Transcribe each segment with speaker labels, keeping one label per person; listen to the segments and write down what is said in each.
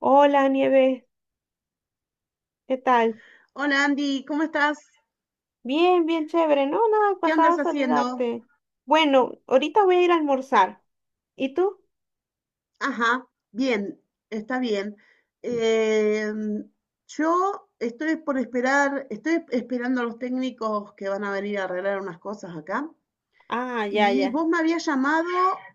Speaker 1: Hola, Nieves, ¿qué tal?
Speaker 2: Hola Andy, ¿cómo estás?
Speaker 1: Bien, bien chévere. No, nada,
Speaker 2: ¿Qué
Speaker 1: pasaba
Speaker 2: andas
Speaker 1: a
Speaker 2: haciendo?
Speaker 1: saludarte. Bueno, ahorita voy a ir a almorzar. ¿Y tú?
Speaker 2: Ajá, bien, está bien. Em, yo estoy esperando a los técnicos que van a venir a arreglar unas cosas acá.
Speaker 1: Ah, ya,
Speaker 2: Y
Speaker 1: ya.
Speaker 2: vos me habías llamado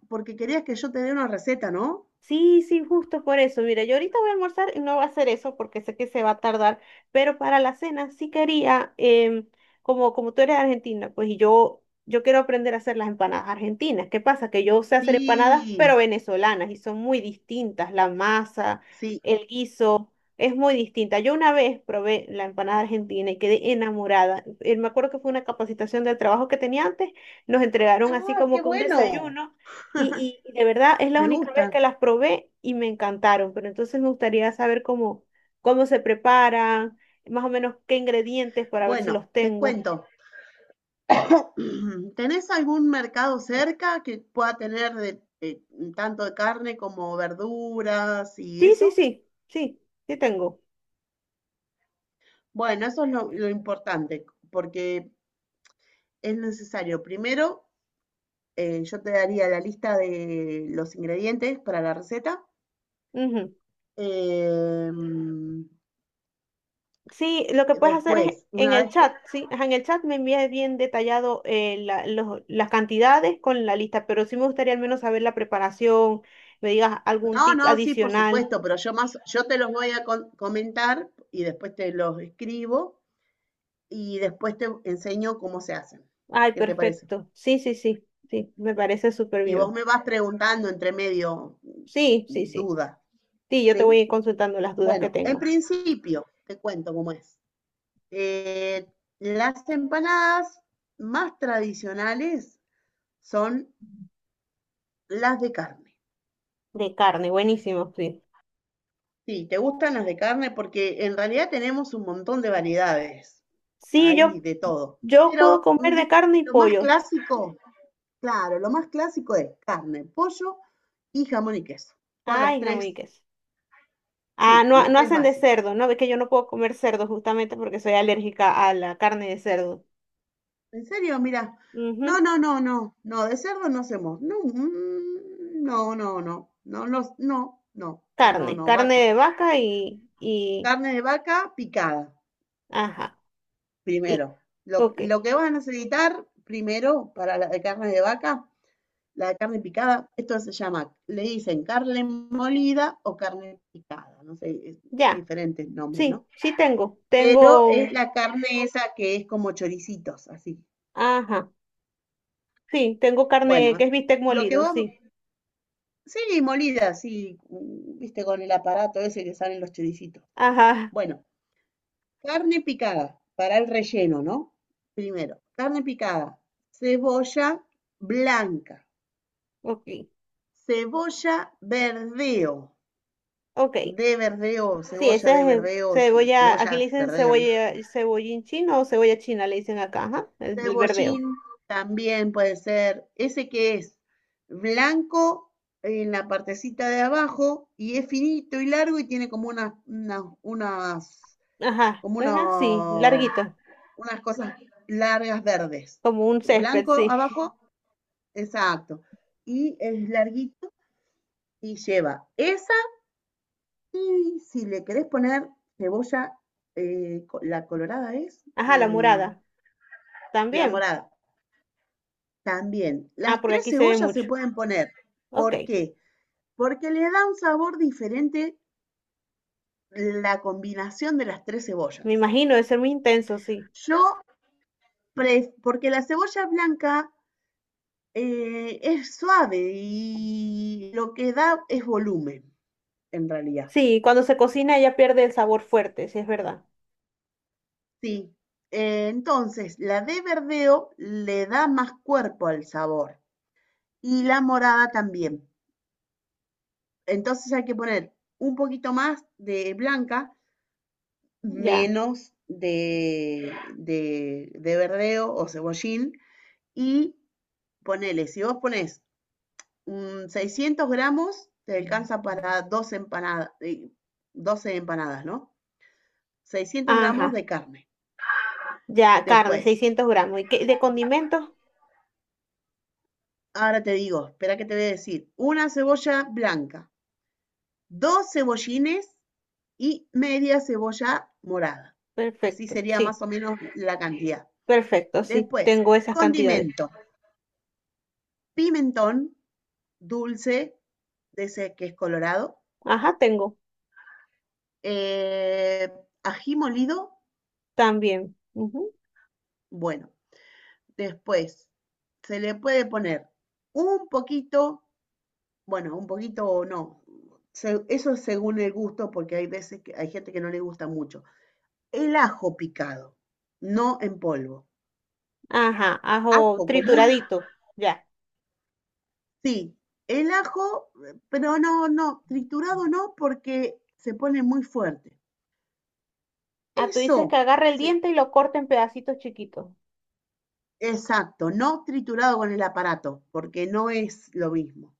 Speaker 2: porque querías que yo te dé una receta, ¿no?
Speaker 1: Sí, sí, justo por eso. Mira, yo ahorita voy a almorzar y no voy a hacer eso porque sé que se va a tardar, pero para la cena sí quería, como, como tú eres argentina, pues y yo quiero aprender a hacer las empanadas argentinas. ¿Qué pasa? Que yo sé hacer empanadas, pero
Speaker 2: Sí,
Speaker 1: venezolanas y son muy distintas. La masa,
Speaker 2: sí.
Speaker 1: el guiso, es muy distinta. Yo una vez probé la empanada argentina y quedé enamorada. Me acuerdo que fue una capacitación del trabajo que tenía antes, nos entregaron así
Speaker 2: Ah,
Speaker 1: como
Speaker 2: qué
Speaker 1: que un
Speaker 2: bueno.
Speaker 1: desayuno. Y de verdad es la
Speaker 2: Me
Speaker 1: única vez
Speaker 2: gustan.
Speaker 1: que las probé y me encantaron, pero entonces me gustaría saber cómo, cómo se preparan, más o menos qué ingredientes para ver si los
Speaker 2: Bueno, te
Speaker 1: tengo.
Speaker 2: cuento. ¿Tenés algún mercado cerca que pueda tener tanto de carne como verduras y
Speaker 1: Sí, sí,
Speaker 2: eso?
Speaker 1: sí, sí, sí tengo.
Speaker 2: Bueno, eso es lo importante, porque es necesario. Primero, yo te daría la lista de los ingredientes para la receta.
Speaker 1: Ujú.
Speaker 2: em,
Speaker 1: Sí, lo que puedes hacer es
Speaker 2: Después,
Speaker 1: en el chat, sí, ajá, en el chat me envías bien detallado las cantidades con la lista, pero sí me gustaría al menos saber la preparación, me digas algún
Speaker 2: no,
Speaker 1: tip
Speaker 2: no, sí, por
Speaker 1: adicional.
Speaker 2: supuesto, pero yo te los voy a comentar y después te los escribo y después te enseño cómo se hacen.
Speaker 1: Ay,
Speaker 2: ¿Qué te parece?
Speaker 1: perfecto. Sí, sí, sí, sí, me parece súper
Speaker 2: Y vos
Speaker 1: bien.
Speaker 2: me vas preguntando entre medio
Speaker 1: Sí, sí, sí.
Speaker 2: duda,
Speaker 1: Sí, yo te voy
Speaker 2: ¿sí?
Speaker 1: a ir consultando las dudas que
Speaker 2: Bueno, en
Speaker 1: tengo.
Speaker 2: principio, te cuento cómo es. Eh, las empanadas más tradicionales son las de carne.
Speaker 1: De carne, buenísimo, sí.
Speaker 2: Sí, te gustan las de carne porque en realidad tenemos un montón de variedades
Speaker 1: Sí,
Speaker 2: ahí
Speaker 1: yo,
Speaker 2: de todo.
Speaker 1: yo puedo
Speaker 2: Pero,
Speaker 1: comer
Speaker 2: mm,
Speaker 1: de
Speaker 2: viste,
Speaker 1: carne y pollo.
Speaker 2: claro, lo más clásico es carne, pollo y jamón y queso. Son las
Speaker 1: Ay, jamón y
Speaker 2: tres,
Speaker 1: queso. Ah,
Speaker 2: sí,
Speaker 1: no,
Speaker 2: las
Speaker 1: no
Speaker 2: tres
Speaker 1: hacen de
Speaker 2: básicas.
Speaker 1: cerdo, ¿no? Ves que yo no puedo comer cerdo justamente porque soy alérgica a la carne de cerdo.
Speaker 2: ¿En serio? Mira. No,
Speaker 1: Ujú.
Speaker 2: no, no, no. No, de cerdo no hacemos. No, mm, no, no, no. No, no, no, no, no,
Speaker 1: Carne,
Speaker 2: no,
Speaker 1: carne
Speaker 2: vaca.
Speaker 1: de vaca y,
Speaker 2: Carne de vaca picada,
Speaker 1: ajá. Y,
Speaker 2: primero. Lo,
Speaker 1: ok,
Speaker 2: lo que van a necesitar primero para la de carne de vaca, la de carne picada, esto se llama, le dicen carne molida o carne picada, no sé, es
Speaker 1: ya,
Speaker 2: diferentes nombres, ¿no?
Speaker 1: sí, sí tengo.
Speaker 2: Esto es
Speaker 1: Tengo,
Speaker 2: la carne esa que es como choricitos, así.
Speaker 1: ajá, sí, tengo carne que
Speaker 2: Bueno,
Speaker 1: es bistec
Speaker 2: lo que
Speaker 1: molido,
Speaker 2: vos
Speaker 1: sí.
Speaker 2: Sí, molida, sí, mm, viste, con el aparato ese que salen los choricitos.
Speaker 1: Ajá,
Speaker 2: Bueno, carne picada para el relleno, ¿no? Primero, carne picada, cebolla blanca,
Speaker 1: ok,
Speaker 2: cebolla verdeo,
Speaker 1: ok. Sí,
Speaker 2: de
Speaker 1: esa es
Speaker 2: verdeo,
Speaker 1: cebolla,
Speaker 2: cebolla
Speaker 1: aquí le dicen
Speaker 2: verdeo, ¿no?
Speaker 1: cebolla, cebollín chino o cebolla china, le dicen acá, ajá, el verdeo.
Speaker 2: Cebollín también puede ser, ese que es blanco en la partecita de abajo y es finito y largo y tiene como unas, unas, unas
Speaker 1: Ajá,
Speaker 2: como
Speaker 1: ajá, sí,
Speaker 2: unos,
Speaker 1: larguito,
Speaker 2: unas cosas largas verdes.
Speaker 1: como un césped,
Speaker 2: Blanco
Speaker 1: sí.
Speaker 2: abajo, exacto. Y es larguito y lleva esa. Y si le querés poner cebolla, la colorada es,
Speaker 1: Ajá, la morada,
Speaker 2: la
Speaker 1: también.
Speaker 2: morada también.
Speaker 1: Ah,
Speaker 2: Las
Speaker 1: porque
Speaker 2: tres
Speaker 1: aquí se ve
Speaker 2: cebollas se
Speaker 1: mucho.
Speaker 2: pueden poner.
Speaker 1: Ok,
Speaker 2: ¿Por qué? Porque le da un sabor diferente la combinación de las tres
Speaker 1: me
Speaker 2: cebollas.
Speaker 1: imagino, debe ser muy intenso, sí.
Speaker 2: Yo, porque la cebolla blanca, es suave y lo que da es volumen, en realidad.
Speaker 1: Sí, cuando se cocina ella pierde el sabor fuerte, sí, es verdad.
Speaker 2: Sí. Entonces, la de verdeo le da más cuerpo al sabor y la morada también. Entonces hay que poner un poquito más de blanca,
Speaker 1: Ya,
Speaker 2: menos de, verdeo o cebollín, y ponele, si vos pones mm, 600 gramos, te alcanza para 12 empanadas, ¿no? 600 gramos
Speaker 1: ajá,
Speaker 2: de carne.
Speaker 1: ya, carne,
Speaker 2: Después,
Speaker 1: 600 gramos. ¿Y qué- de condimentos?
Speaker 2: ahora te digo, espera que te voy a decir, una cebolla blanca, dos cebollines y media cebolla morada. Así
Speaker 1: Perfecto,
Speaker 2: sería
Speaker 1: sí,
Speaker 2: más o menos la cantidad.
Speaker 1: perfecto, sí,
Speaker 2: Después,
Speaker 1: tengo esas cantidades.
Speaker 2: condimento, pimentón dulce, de ese que es colorado,
Speaker 1: Ajá, tengo,
Speaker 2: eh, ají molido,
Speaker 1: también.
Speaker 2: bueno, después se le puede poner un poquito bueno, un poquito o no. Eso es según el gusto, porque hay veces que hay gente que no le gusta mucho. El ajo picado, no en polvo.
Speaker 1: Ajá, ajo
Speaker 2: Ajo común,
Speaker 1: trituradito, ya.
Speaker 2: sí. El ajo, pero no, no, triturado no, porque se pone muy fuerte.
Speaker 1: Ah, tú dices que
Speaker 2: Eso,
Speaker 1: agarre el
Speaker 2: sí,
Speaker 1: diente y lo corte en pedacitos chiquitos.
Speaker 2: exacto, no triturado con el aparato, porque no es lo mismo.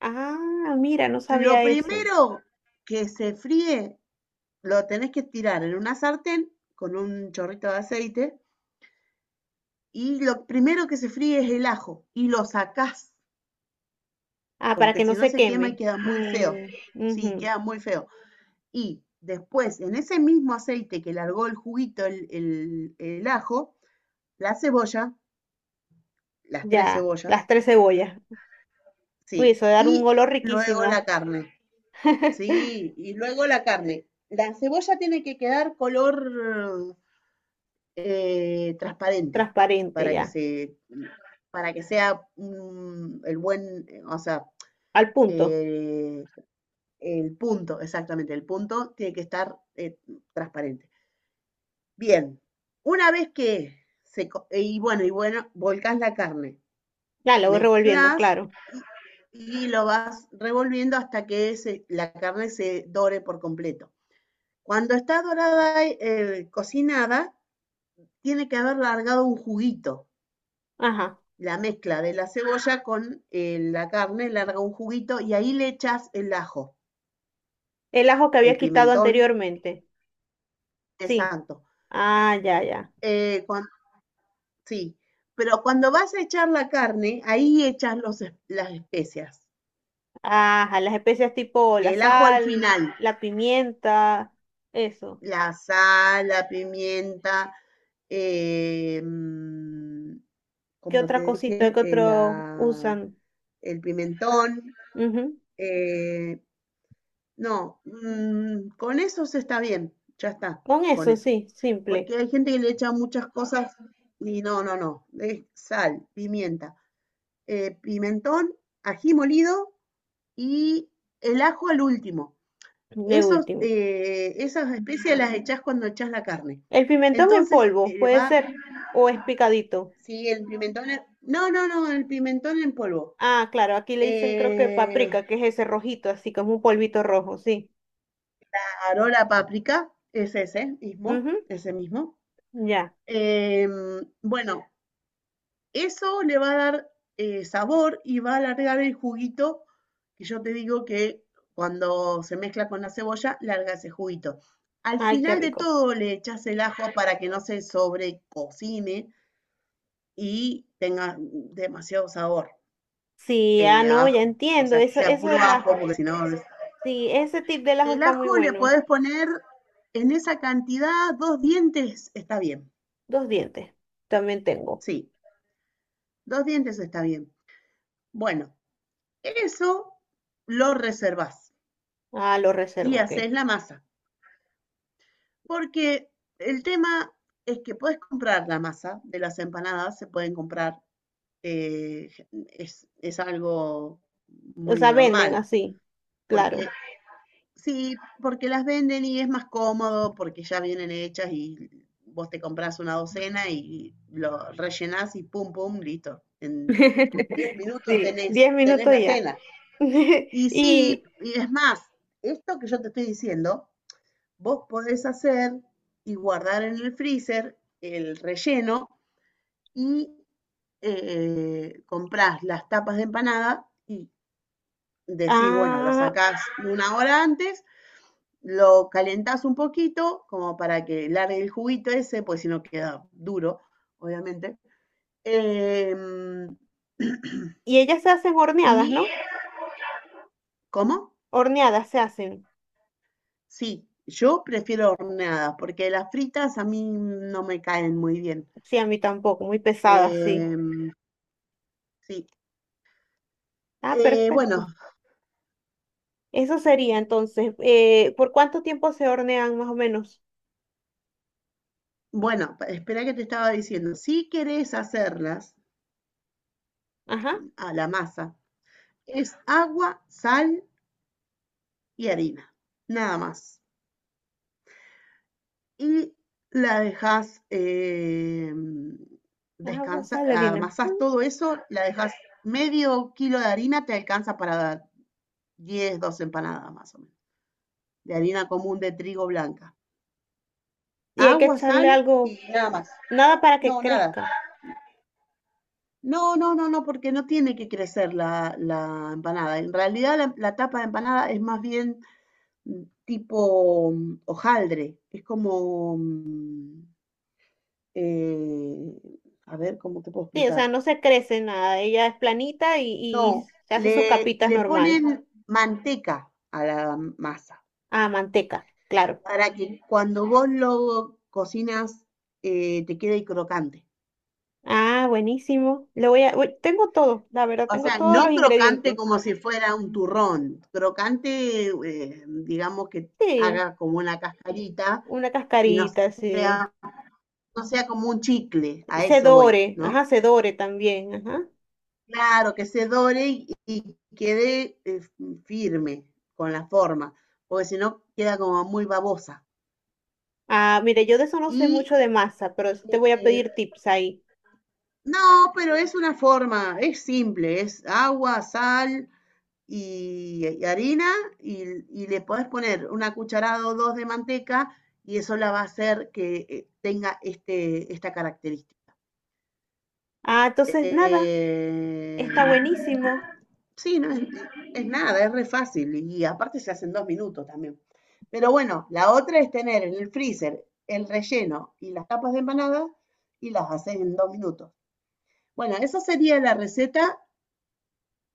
Speaker 1: Ah, mira, no
Speaker 2: Lo
Speaker 1: sabía eso.
Speaker 2: primero que se fríe, lo tenés que tirar en una sartén con un chorrito de aceite, y lo primero que se fríe es el ajo, y lo sacás,
Speaker 1: Ah, para
Speaker 2: porque
Speaker 1: que no
Speaker 2: si no
Speaker 1: se
Speaker 2: se quema y
Speaker 1: queme.
Speaker 2: queda muy feo.
Speaker 1: Mm,
Speaker 2: Sí,
Speaker 1: ujú,
Speaker 2: queda muy feo. Y después, en ese mismo aceite que largó el juguito, el ajo, la cebolla, las tres
Speaker 1: ya, las
Speaker 2: cebollas,
Speaker 1: tres cebollas. Uy,
Speaker 2: sí,
Speaker 1: eso debe dar un
Speaker 2: y
Speaker 1: olor
Speaker 2: luego la
Speaker 1: riquísimo.
Speaker 2: carne, sí, y luego la carne. La cebolla tiene que quedar color transparente,
Speaker 1: Transparente,
Speaker 2: para que
Speaker 1: ya.
Speaker 2: se, para que sea mm, el buen, o sea,
Speaker 1: Al punto.
Speaker 2: Eh, el punto, exactamente, el punto tiene que estar transparente. Bien, una vez que se, y bueno, volcás la carne,
Speaker 1: Ya, lo voy revolviendo,
Speaker 2: mezclas
Speaker 1: claro.
Speaker 2: y lo vas revolviendo hasta que la carne se dore por completo. Cuando está dorada, cocinada, tiene que haber largado un juguito.
Speaker 1: Ajá.
Speaker 2: La mezcla de la cebolla con la carne larga un juguito, y ahí le echas el ajo,
Speaker 1: El ajo que había
Speaker 2: el
Speaker 1: quitado
Speaker 2: pimentón,
Speaker 1: anteriormente.
Speaker 2: es
Speaker 1: Sí.
Speaker 2: santo.
Speaker 1: Ah, ya, ya.
Speaker 2: Eh, Sí, pero cuando vas a echar la carne, ahí echas las especias.
Speaker 1: Ajá, las especias tipo la
Speaker 2: El ajo al
Speaker 1: sal,
Speaker 2: final,
Speaker 1: la pimienta, eso.
Speaker 2: la sal, la pimienta, eh, mm,
Speaker 1: ¿Qué
Speaker 2: como te
Speaker 1: otra
Speaker 2: dije,
Speaker 1: cosita que otros usan?
Speaker 2: el pimentón.
Speaker 1: Ujú.
Speaker 2: eh, no, mm, con eso se está bien, ya está,
Speaker 1: Con
Speaker 2: con
Speaker 1: eso,
Speaker 2: eso.
Speaker 1: sí, simple,
Speaker 2: Porque hay gente que le echa muchas cosas y no, no, no, es sal, pimienta, pimentón, ají molido y el ajo al último.
Speaker 1: de último.
Speaker 2: Esas especias las echás cuando echás la carne.
Speaker 1: El pimentón en
Speaker 2: Entonces,
Speaker 1: polvo, puede ser, o es picadito.
Speaker 2: sí, el pimentón, no, no, no, el pimentón en polvo.
Speaker 1: Ah, claro, aquí le dicen creo que
Speaker 2: Eh,
Speaker 1: paprika, que es ese rojito, así como un polvito rojo, sí.
Speaker 2: Ahora la páprica, es ese
Speaker 1: Ujú,
Speaker 2: mismo, ese mismo.
Speaker 1: ya,
Speaker 2: Em, bueno, eso le va a dar sabor y va a alargar el juguito que yo te digo que cuando se mezcla con la cebolla, larga ese juguito. Al
Speaker 1: ay, qué
Speaker 2: final de
Speaker 1: rico.
Speaker 2: todo le echas el ajo para que no se sobrecocine y tenga demasiado sabor
Speaker 1: Sí, ah,
Speaker 2: a
Speaker 1: no, ya
Speaker 2: ajo. O
Speaker 1: entiendo,
Speaker 2: sea, que
Speaker 1: eso,
Speaker 2: sea
Speaker 1: eso
Speaker 2: puro
Speaker 1: del
Speaker 2: ajo,
Speaker 1: ajo.
Speaker 2: porque si no...
Speaker 1: Sí, ese tip del ajo
Speaker 2: El
Speaker 1: está muy
Speaker 2: ajo le
Speaker 1: bueno.
Speaker 2: podés poner en esa cantidad, dos dientes está bien.
Speaker 1: Dos dientes, también tengo.
Speaker 2: Sí, dos dientes está bien. Bueno, eso lo reservas
Speaker 1: Ah, lo
Speaker 2: y
Speaker 1: reservo, ok.
Speaker 2: haces la masa. Porque el tema es que puedes comprar la masa de las empanadas, se pueden comprar, eh, es algo
Speaker 1: O
Speaker 2: muy
Speaker 1: sea, venden
Speaker 2: normal.
Speaker 1: así,
Speaker 2: Porque
Speaker 1: claro.
Speaker 2: sí, porque las venden y es más cómodo, porque ya vienen hechas y vos te compras una docena y lo rellenás y pum, pum, listo. En 10 minutos
Speaker 1: Sí, diez
Speaker 2: tenés
Speaker 1: minutos
Speaker 2: la
Speaker 1: ya.
Speaker 2: cena. Y sí,
Speaker 1: Y,
Speaker 2: y es más, esto que yo te estoy diciendo vos podés hacer y guardar en el freezer el relleno, y comprás las tapas de empanada y decís, bueno, lo
Speaker 1: ah,
Speaker 2: sacás una hora antes, lo calentás un poquito como para que largue el juguito ese, pues si no queda duro, obviamente. Eh,
Speaker 1: y ellas se hacen horneadas,
Speaker 2: y,
Speaker 1: ¿no?
Speaker 2: ¿cómo?
Speaker 1: Horneadas se hacen.
Speaker 2: Sí, yo prefiero horneadas porque las fritas a mí no me caen muy bien.
Speaker 1: Sí, a mí tampoco, muy pesadas, sí.
Speaker 2: Eh, sí.
Speaker 1: Ah,
Speaker 2: Eh,
Speaker 1: perfecto.
Speaker 2: bueno,
Speaker 1: Eso sería entonces. ¿Por cuánto tiempo se hornean más o menos?
Speaker 2: bueno, espera que te estaba diciendo. Si querés hacerlas,
Speaker 1: Ajá,
Speaker 2: a la masa, es agua, sal y harina, nada más. Y la dejas
Speaker 1: agua,
Speaker 2: descansar,
Speaker 1: sal, harina.
Speaker 2: amasás
Speaker 1: Mm.
Speaker 2: todo eso, la dejas medio kilo de harina, te alcanza para 10, 12 empanadas más o menos, de harina común de trigo blanca.
Speaker 1: Y hay que
Speaker 2: Agua,
Speaker 1: echarle
Speaker 2: sal
Speaker 1: algo,
Speaker 2: y nada más.
Speaker 1: nada para que
Speaker 2: No, nada.
Speaker 1: crezca.
Speaker 2: No, no, no, no, porque no tiene que crecer la empanada. En realidad la tapa de empanada es más bien tipo hojaldre. Es como, eh, a ver, ¿cómo te puedo
Speaker 1: Sí, o sea,
Speaker 2: explicar?
Speaker 1: no se crece nada. Ella es planita
Speaker 2: No,
Speaker 1: y se hace
Speaker 2: le,
Speaker 1: sus capitas
Speaker 2: le
Speaker 1: normal.
Speaker 2: ponen manteca a la masa
Speaker 1: Ah, manteca, claro.
Speaker 2: para que cuando vos lo cocinas te quede crocante.
Speaker 1: Ah, buenísimo. Le voy a, uy, tengo todo, la verdad,
Speaker 2: O
Speaker 1: tengo
Speaker 2: sea,
Speaker 1: todos los
Speaker 2: no crocante
Speaker 1: ingredientes.
Speaker 2: como si fuera un turrón, crocante, digamos que
Speaker 1: Sí,
Speaker 2: haga como una cascarita,
Speaker 1: una
Speaker 2: y no,
Speaker 1: cascarita, sí.
Speaker 2: no sea como un chicle, a eso voy,
Speaker 1: Sedore, ajá,
Speaker 2: ¿no?
Speaker 1: sedore también, ajá.
Speaker 2: Claro, que se dore y quede firme con la forma, porque si no queda como muy babosa.
Speaker 1: Ah, mire, yo de eso no sé
Speaker 2: Y
Speaker 1: mucho de masa, pero sí te voy a
Speaker 2: eh,
Speaker 1: pedir tips ahí.
Speaker 2: no, pero es una forma, es simple, es agua, sal, y harina, y, y le podés poner una cucharada o dos de manteca, y eso la va a hacer que tenga esta característica.
Speaker 1: Ah, entonces, nada,
Speaker 2: Eh,
Speaker 1: está buenísimo.
Speaker 2: sí, no es nada, es re fácil y aparte se hace en 2 minutos también. Pero bueno, la otra es tener en el freezer el relleno y las tapas de empanada y las haces en 2 minutos. Bueno, esa sería la receta.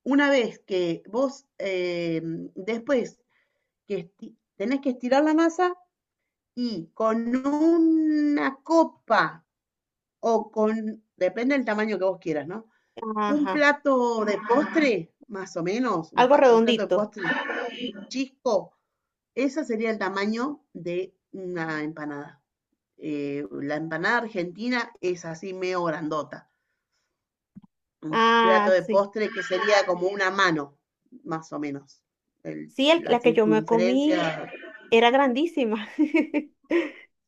Speaker 2: Una vez que vos Después que tenés que estirar la masa, y con una copa o con, depende del tamaño que vos quieras, ¿no? Un
Speaker 1: Ajá,
Speaker 2: plato de postre, más o menos,
Speaker 1: algo
Speaker 2: un plato de
Speaker 1: redondito.
Speaker 2: postre chico, ese sería el tamaño de una empanada. La empanada argentina es así medio grandota. Un plato
Speaker 1: Ah,
Speaker 2: de
Speaker 1: sí.
Speaker 2: postre que sería como una mano, más o menos.
Speaker 1: Sí, el-
Speaker 2: La
Speaker 1: la que yo me comí
Speaker 2: circunferencia,
Speaker 1: era grandísima.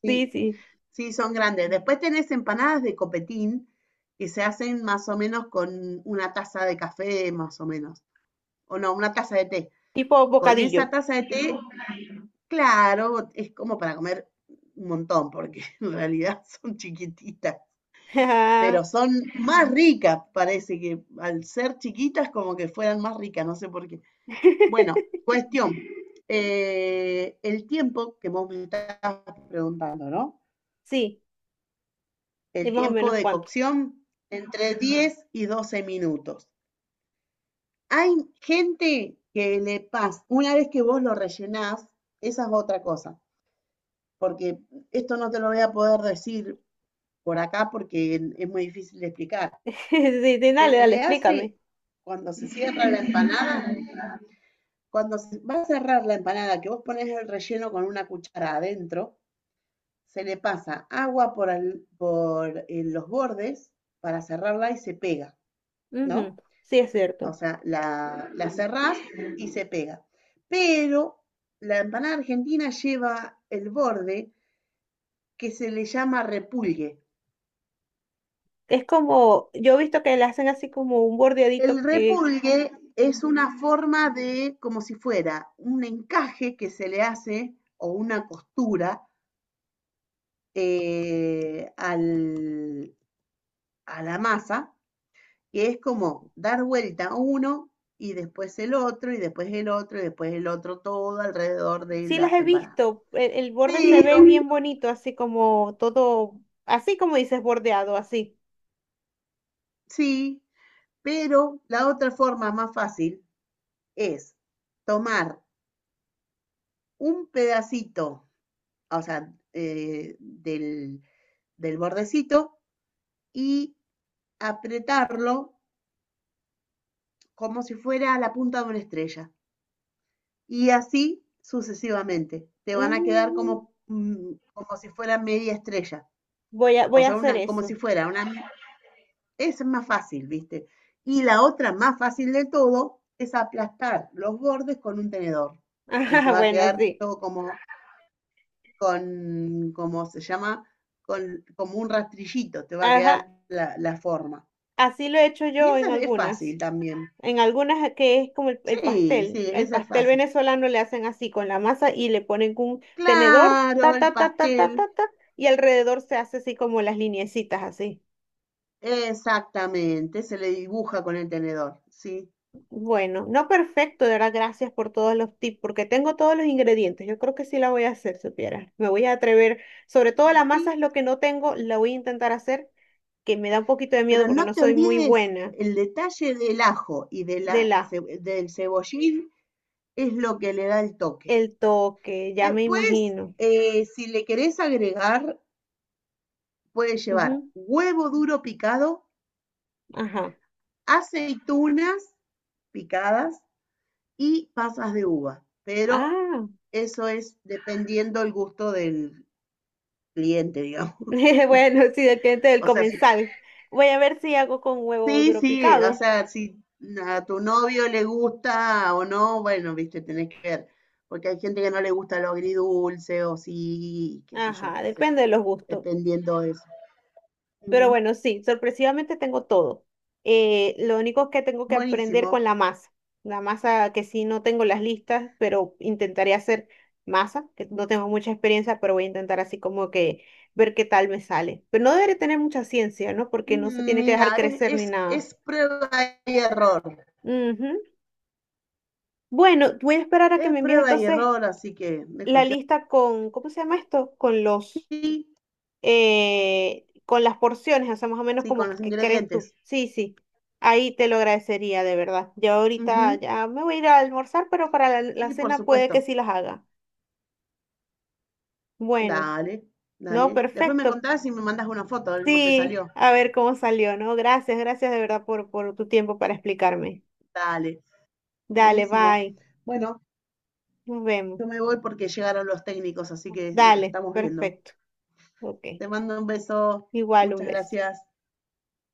Speaker 2: sí.
Speaker 1: Sí, sí,
Speaker 2: Sí, son grandes. Después tenés empanadas de copetín que se hacen más o menos con una taza de café, más o menos. O no, una taza de té.
Speaker 1: tipo
Speaker 2: Con esa
Speaker 1: bocadillo.
Speaker 2: taza de té, claro, es como para comer un montón, porque en realidad son chiquititas. Pero son más ricas, parece que al ser chiquitas como que fueran más ricas, no sé por qué. Bueno, cuestión, el tiempo que vos me estás preguntando, ¿no?
Speaker 1: Sí, sí,
Speaker 2: El
Speaker 1: más o
Speaker 2: tiempo
Speaker 1: menos
Speaker 2: de
Speaker 1: cuánto.
Speaker 2: cocción entre 10 y 12 minutos. Hay gente que le pasa, una vez que vos lo rellenás, esa es otra cosa, porque esto no te lo voy a poder decir por acá porque es muy difícil de explicar.
Speaker 1: Sí, sí, dale,
Speaker 2: Se
Speaker 1: dale,
Speaker 2: le
Speaker 1: explícame.
Speaker 2: hace cuando se cierra la empanada, cuando se va a cerrar la empanada, que vos pones el relleno con una cuchara adentro, se le pasa agua los bordes para cerrarla y se pega,
Speaker 1: Ujú,
Speaker 2: ¿no?
Speaker 1: sí, es
Speaker 2: O
Speaker 1: cierto.
Speaker 2: sea, la cerrás y se pega. Pero la empanada argentina lleva el borde que se le llama repulgue.
Speaker 1: Es como, yo he visto que le hacen así como un bordeadito
Speaker 2: El
Speaker 1: que
Speaker 2: repulgue es una forma de, como si fuera un encaje que se le hace, o una costura eh, al, a la masa, que es como dar vuelta uno y después el otro y después el otro y después el otro, todo alrededor de
Speaker 1: sí las
Speaker 2: la
Speaker 1: he
Speaker 2: empanada.
Speaker 1: visto, el borde se
Speaker 2: Pero
Speaker 1: ve bien bonito, así como todo, así como dices, bordeado, así.
Speaker 2: Sí, pero la otra forma más fácil es tomar un pedacito, o sea, del bordecito, y apretarlo como si fuera la punta de una estrella. Y así sucesivamente. Te van a quedar
Speaker 1: Mm,
Speaker 2: como, como si fuera media estrella. O
Speaker 1: voy a
Speaker 2: sea,
Speaker 1: hacer
Speaker 2: una, como si
Speaker 1: eso.
Speaker 2: fuera una, Es más fácil, ¿viste? Y la otra más fácil de todo es aplastar los bordes con un tenedor. Y te
Speaker 1: Ajá,
Speaker 2: va a
Speaker 1: bueno,
Speaker 2: quedar
Speaker 1: sí.
Speaker 2: todo como, como se llama, como un rastrillito, te va a quedar
Speaker 1: Ajá,
Speaker 2: la forma.
Speaker 1: así lo he hecho
Speaker 2: Y
Speaker 1: yo en
Speaker 2: esa es
Speaker 1: algunas.
Speaker 2: fácil también.
Speaker 1: En algunas que es como el
Speaker 2: Sí,
Speaker 1: pastel.
Speaker 2: sí,
Speaker 1: El
Speaker 2: esa es
Speaker 1: pastel
Speaker 2: fácil.
Speaker 1: venezolano le hacen así con la masa y le ponen un tenedor,
Speaker 2: Claro,
Speaker 1: ta,
Speaker 2: el
Speaker 1: ta, ta, ta, ta,
Speaker 2: pastel,
Speaker 1: ta, ta, y alrededor se hace así como las lineecitas así.
Speaker 2: exactamente, se le dibuja con el tenedor, sí,
Speaker 1: Bueno, no perfecto, de verdad, gracias por todos los tips, porque tengo todos los ingredientes. Yo creo que sí la voy a hacer, supiera. Me voy a atrever. Sobre todo la masa
Speaker 2: sí.
Speaker 1: es lo que no tengo, la voy a intentar hacer, que me da un poquito de miedo
Speaker 2: Pero
Speaker 1: porque
Speaker 2: no
Speaker 1: no
Speaker 2: te
Speaker 1: soy muy
Speaker 2: olvides
Speaker 1: buena
Speaker 2: el detalle del ajo y
Speaker 1: del ajo.
Speaker 2: del cebollín, es lo que le da el toque.
Speaker 1: El toque, ya me
Speaker 2: Después,
Speaker 1: imagino.
Speaker 2: si le querés agregar, puedes llevar
Speaker 1: Ujú,
Speaker 2: huevo duro picado,
Speaker 1: ajá.
Speaker 2: aceitunas picadas y pasas de uva, pero
Speaker 1: Ah,
Speaker 2: eso es dependiendo el gusto del cliente, digamos.
Speaker 1: bueno, sí, del cliente del
Speaker 2: O sea,
Speaker 1: comensal. Voy a ver si hago con huevo
Speaker 2: sí,
Speaker 1: duro
Speaker 2: sí, o
Speaker 1: picado.
Speaker 2: sea, si a tu novio le gusta o no, bueno, viste, tenés que ver, porque hay gente que no le gusta lo agridulce, o sí, qué sé yo,
Speaker 1: Ajá,
Speaker 2: no sé,
Speaker 1: depende de los gustos.
Speaker 2: dependiendo de eso.
Speaker 1: Pero
Speaker 2: Ujú.
Speaker 1: bueno, sí, sorpresivamente tengo todo. Lo único es que tengo que aprender
Speaker 2: Buenísimo.
Speaker 1: con la masa. La masa que sí no tengo las listas, pero intentaré hacer masa, que no tengo mucha experiencia, pero voy a intentar así como que ver qué tal me sale. Pero no deberé tener mucha ciencia, ¿no? Porque no se tiene que dejar
Speaker 2: Mira,
Speaker 1: crecer ni nada.
Speaker 2: es prueba y error.
Speaker 1: Ujú. Bueno, voy a esperar a que
Speaker 2: Es
Speaker 1: me envíes
Speaker 2: prueba y
Speaker 1: entonces
Speaker 2: error, así que me
Speaker 1: la
Speaker 2: cuestión.
Speaker 1: lista con, ¿cómo se llama esto? Con los...
Speaker 2: Sí,
Speaker 1: con las porciones, o sea, más o menos
Speaker 2: sí, con
Speaker 1: como
Speaker 2: los
Speaker 1: que crees tú.
Speaker 2: ingredientes.
Speaker 1: Sí, sí, ahí te lo agradecería de verdad. Yo
Speaker 2: Ujú.
Speaker 1: ahorita ya me voy a ir a almorzar, pero para la, la
Speaker 2: Sí, por
Speaker 1: cena puede que
Speaker 2: supuesto.
Speaker 1: sí las haga. Bueno,
Speaker 2: Dale,
Speaker 1: no,
Speaker 2: dale. Después me
Speaker 1: perfecto.
Speaker 2: contás y me mandás una foto de cómo te
Speaker 1: Sí,
Speaker 2: salió.
Speaker 1: a ver cómo salió, ¿no? Gracias, gracias de verdad por tu tiempo para explicarme.
Speaker 2: Dale,
Speaker 1: Dale,
Speaker 2: buenísimo.
Speaker 1: bye.
Speaker 2: Bueno,
Speaker 1: Nos vemos.
Speaker 2: yo me voy porque llegaron los técnicos, así que nos
Speaker 1: Dale,
Speaker 2: estamos viendo.
Speaker 1: perfecto. Ok.
Speaker 2: Te mando un beso.
Speaker 1: Igual un
Speaker 2: Muchas
Speaker 1: beso.
Speaker 2: gracias.